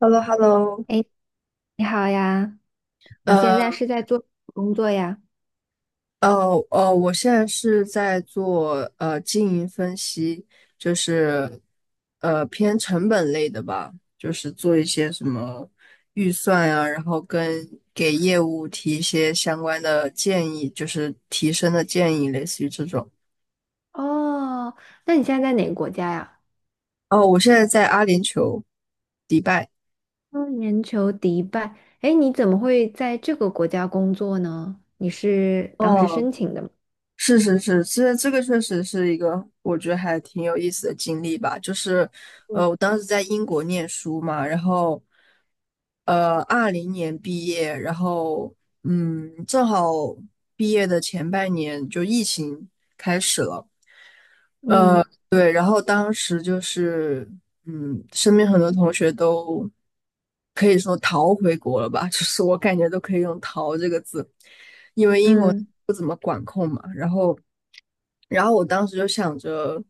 h e l l o h e l l o。 哎，你好呀，你现呃在是在做什么工作呀？呃我现在是在做经营分析，就是偏成本类的吧，就是做一些什么预算啊，然后跟给业务提一些相关的建议，就是提升的建议，类似于这种。哦，那你现在在哪个国家呀？哦，我现在在阿联酋，迪拜。嗯，全球迪拜。哎，你怎么会在这个国家工作呢？你是当时哦，申请的吗？是是是，这个确实是一个我觉得还挺有意思的经历吧。就是，嗯我当时在英国念书嘛，然后，20年毕业，然后，嗯，正好毕业的前半年就疫情。嗯对，然后当时就是，嗯，身边很多同学都可以说逃回国了吧，就是我感觉都可以用"逃"这个字。嗯然后我当时就想着，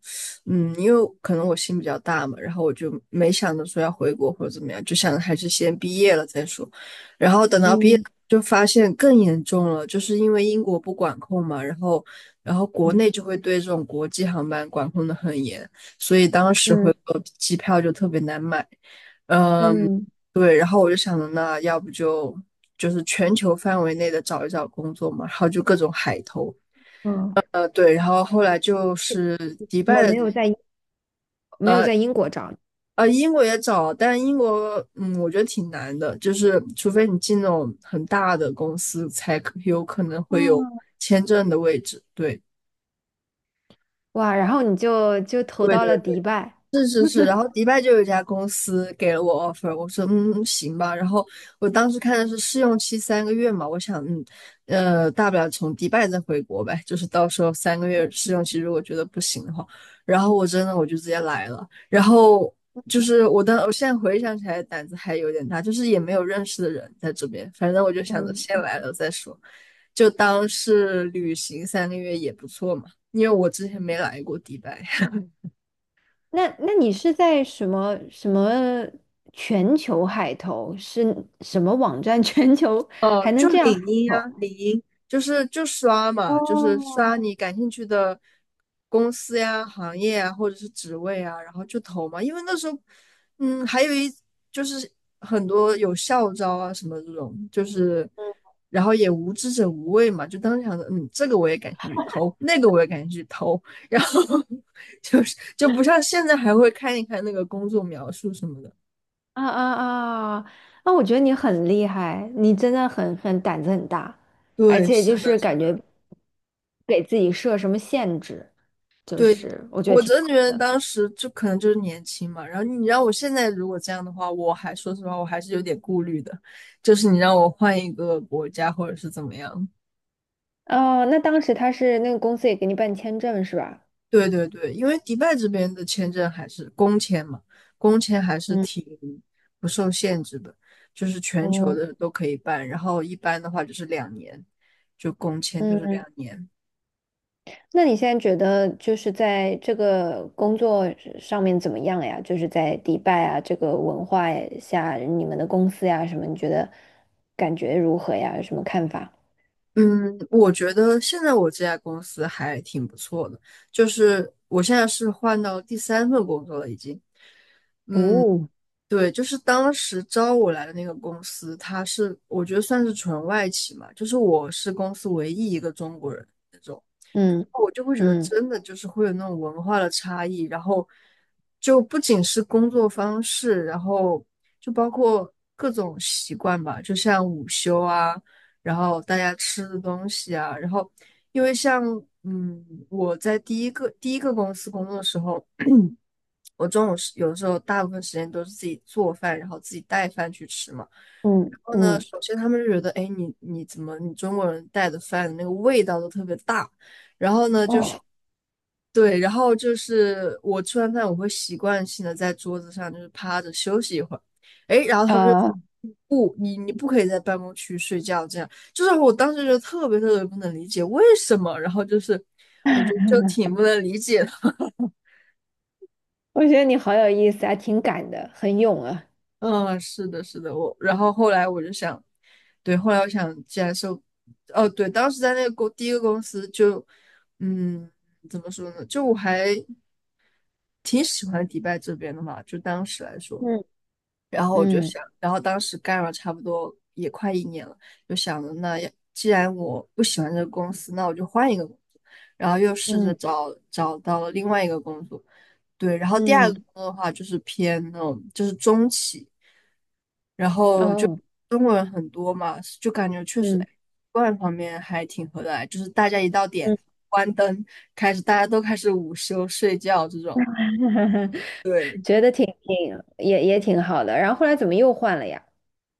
嗯，因为可能我心比较大嘛，然后我就没想着说要回国或者怎么样，就想着还是先毕业了再说。然后等到毕业嗯就发现更严重了，就是因为英国不管控嘛，然后国嗯内就会对这种国际航班管控的很严，所以当时嗯回国机票就特别难买。嗯，嗯，对，然后我就想着那要不就是全球范围内的找一找工作嘛，然后就各种海投。哦，对，然后后来就是迪我拜们的。没有在英国找你。英国也找，但英国，嗯，我觉得挺难的，就是除非你进那种很大的公司，才可有可能会有哦，签证的位置。对，哇，然后你就投对到对了迪对。拜。是是是，然后迪拜就有一家公司给了我 offer，我说嗯嗯行吧。然后我当时看的是试用期三个月嘛，我想大不了从迪拜再回国呗，就是到时候三个月试用期如果觉得不行的话，然后我真的我就直接来了。然后就是我现在回想起来胆子还有点大，就是也没有认识的人在这边，反正我就想着先嗯。来了再说，就当是旅行三个月也不错嘛，因为我之前没来过迪拜。那你是在什么全球海投是什么网站？全球哦，还能就这样海领英投？呀。领英就刷嘛，就是刷哦，你感兴趣的公司呀、行业啊，或者是职位啊，然后就投嘛。因为那时候，嗯，还有一就是很多有校招啊什么这种，就是然后也无知者无畏嘛，就当时想着，嗯，这个我也感兴趣投，那个我也感兴趣投，然后 就不像现在还会看一看那个工作描述什么的。啊啊啊！那我觉得你很厉害，你真的很胆子很大，而对，且是就的，是是感觉的。给自己设什么限制，就对，是我觉得我挺真的好觉得当的。时就可能就是年轻嘛，然后你让我现在如果这样的话，我还说实话，我还是有点顾虑的，就是你让我换一个国家或者是怎么样。哦，那当时他是那个公司也给你办签证是吧？对对对，因为迪拜这边的签证还是工签嘛，工签还是嗯挺不受限制的，就是全球哦，的都可以办，然后一般的话就是两年，就工签就是两嗯年。那你现在觉得就是在这个工作上面怎么样呀？就是在迪拜啊这个文化下，你们的公司呀什么，你觉得感觉如何呀？有什么看法？嗯，我觉得现在我这家公司还挺不错的，就是我现在是换到第三份工作了，已经。哦，对，就是当时招我来的那个公司，它是我觉得算是纯外企嘛，就是我是公司唯一一个中国人，那种。嗯我就会觉得嗯真的就是会有那种文化的差异，然后就不仅是工作方式，然后就包括各种习惯吧，就像午休啊，然后大家吃的东西啊，然后因为像我在第一个公司工作的时候，我中午是有的时候大部分时间都是自己做饭，然后自己带饭去吃嘛。嗯然后呢，嗯，首先他们就觉得，哎，你怎么你中国人带的饭的那个味道都特别大，然后呢就是哦，对，然后就是我吃完饭我会习惯性的在桌子上就是趴着休息一会儿。哎，然后他们就啊，说 不，你不可以在办公区睡觉，这样就是我当时就特别特别不能理解为什么，然后就是我就挺不能理解的。我觉得你好有意思啊，挺敢的，很勇啊。嗯，是的，是的，我然后后来我就想。对，后来我想，既然是，哦，对，当时在那个公第一个公司就，嗯，怎么说呢，就我还挺喜欢迪拜这边的嘛，就当时来说。嗯然后我就嗯想，然后当时干了差不多也快一年了，就想着那要既然我不喜欢这个公司，那我就换一个工作，然后又试着嗯找到了另外一个工作。对，然后第二个嗯工作的话就是偏那种就是中企。然后就哦中国人很多嘛，就感觉确实嗯哎观方面还挺合得来，就是大家一到点嗯，关灯，开始大家都开始午休睡觉这种。对。觉得挺也挺好的。然后后来怎么又换了呀？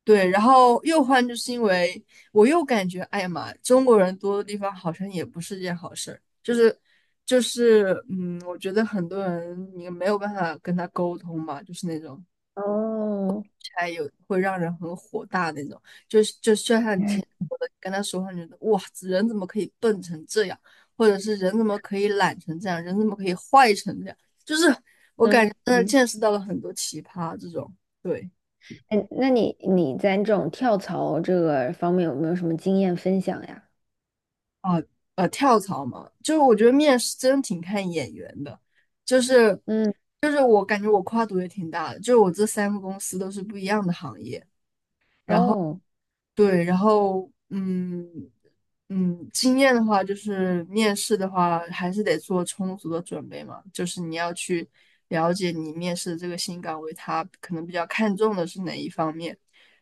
对，然后又换就是因为我又感觉，哎呀妈，中国人多的地方好像也不是件好事儿，就是嗯，我觉得很多人你没有办法跟他沟通嘛，就是那种，哦还有会让人很火大那种，就像你之前说的，跟他说话，你觉得哇，人怎么可以笨成这样，或者是人怎么可以懒成这样，人怎么可以坏成这样，就是真嗯的嗯见识到了很多奇葩这种。对。哎，那你在这种跳槽这个方面有没有什么经验分享呀？跳槽嘛，就是我觉得面试真挺看眼缘的。就是嗯，就是我感觉我跨度也挺大的，就是我这三个公司都是不一样的行业。哦，对，然后嗯嗯，经验的话，就是面试的话，还是得做充足的准备嘛。就是你要去了解你面试的这个新岗位，他可能比较看重的是哪一方面，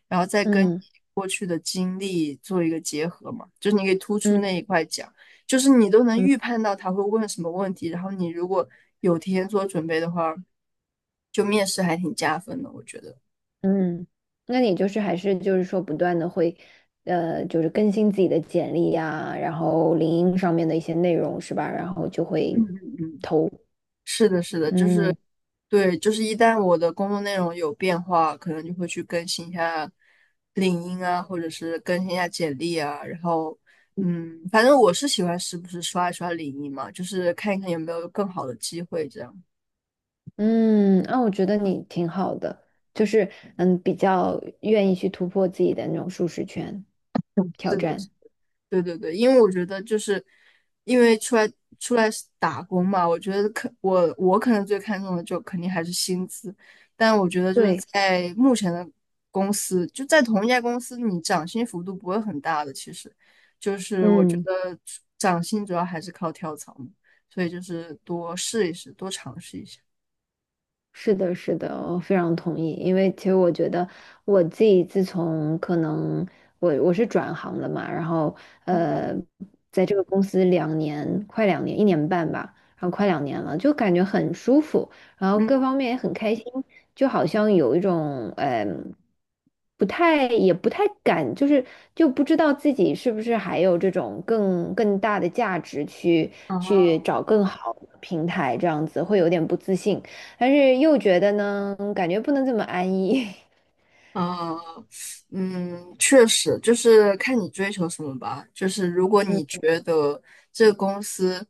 然后再跟你嗯过去的经历做一个结合嘛。就是你可以突出嗯那一块讲，就是你都能嗯预判到他会问什么问题，然后你如果有提前做准备的话，就面试还挺加分的，我觉得。嗯，那你就是还是就是说不断的会，就是更新自己的简历呀，然后领英上面的一些内容是吧？然后就会投，是的，是的，就是嗯对，就是一旦我的工作内容有变化，可能就会去更新一下领英啊，或者是更新一下简历啊。然后，嗯，反正我是喜欢时不时刷一刷领英嘛，就是看一看有没有更好的机会这样。嗯，那我觉得你挺好的，就是嗯，比较愿意去突破自己的那种舒适圈，挑是的。战，对对对，因为我觉得就是因为出来打工嘛，我觉得我可能最看重的就肯定还是薪资，但我觉得就是对，在目前的公司，就在同一家公司，你涨薪幅度不会很大的，其实就是我觉嗯。得涨薪主要还是靠跳槽嘛，所以就是多试一试，多尝试一下。是的，是的，我非常同意。因为其实我觉得我自己自从可能我是转行了嘛，然后呃，在这个公司两年，快两年，1年半吧，然后快两年了，就感觉很舒服，然后嗯，各方面也很开心，就好像有一种嗯，不太也不太敢，就是就不知道自己是不是还有这种更大的价值去啊，去找更好的平台，这样子会有点不自信。但是又觉得呢，感觉不能这么安逸。啊，嗯，确实，就是看你追求什么吧。就是如果 嗯你觉得这个公司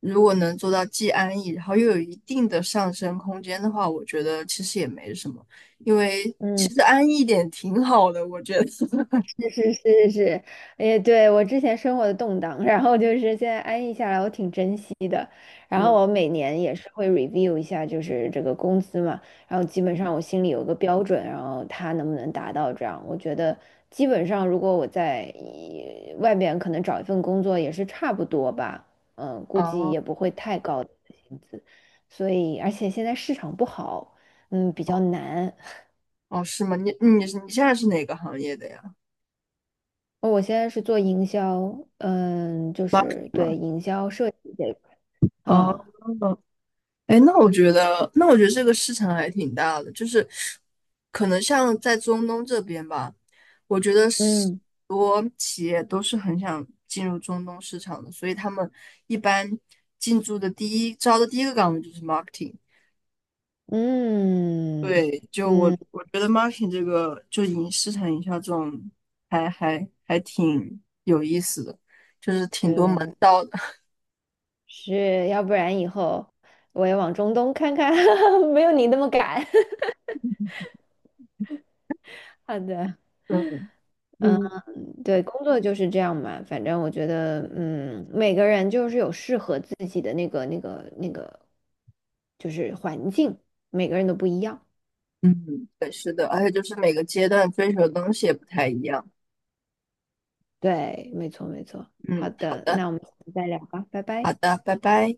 如果能做到既安逸，然后又有一定的上升空间的话，我觉得其实也没什么，因为其嗯，实安逸一点挺好的，我觉得。是是是是，哎，对，我之前生活的动荡，然后就是现在安逸下来，我挺珍惜的。然后嗯。我每年也是会 review 一下，就是这个工资嘛，然后基本上我心里有个标准，然后他能不能达到这样，我觉得基本上如果我在外边可能找一份工作也是差不多吧，嗯，估计哦也不会太高的薪资，所以而且现在市场不好，嗯，比较难。哦，是吗？你现在是哪个行业的呀？哦我现在是做营销，嗯，就是对营销设计这一块哦，啊，哎，那我觉得，那我觉得这个市场还挺大的，就是可能像在中东这边吧，我觉得是嗯很多企业都是很想进入中东市场的，所以他们一般进驻的第一个岗位就是 marketing。嗯对，就我嗯，我觉得 marketing 这个就市场营销这种还挺有意思的。对，是要不然以后我也往中东看看，没有你那么赶。好的，嗯嗯对，工作就是这样嘛，反正我觉得，嗯，每个人就是有适合自己的那个，就是环境，每个人都不一样。嗯，对，是的，而且就是每个阶段追求的东西也不太一样。对，没错没错。好嗯，好的，的。那我们下次再聊吧，拜好拜。的，拜拜。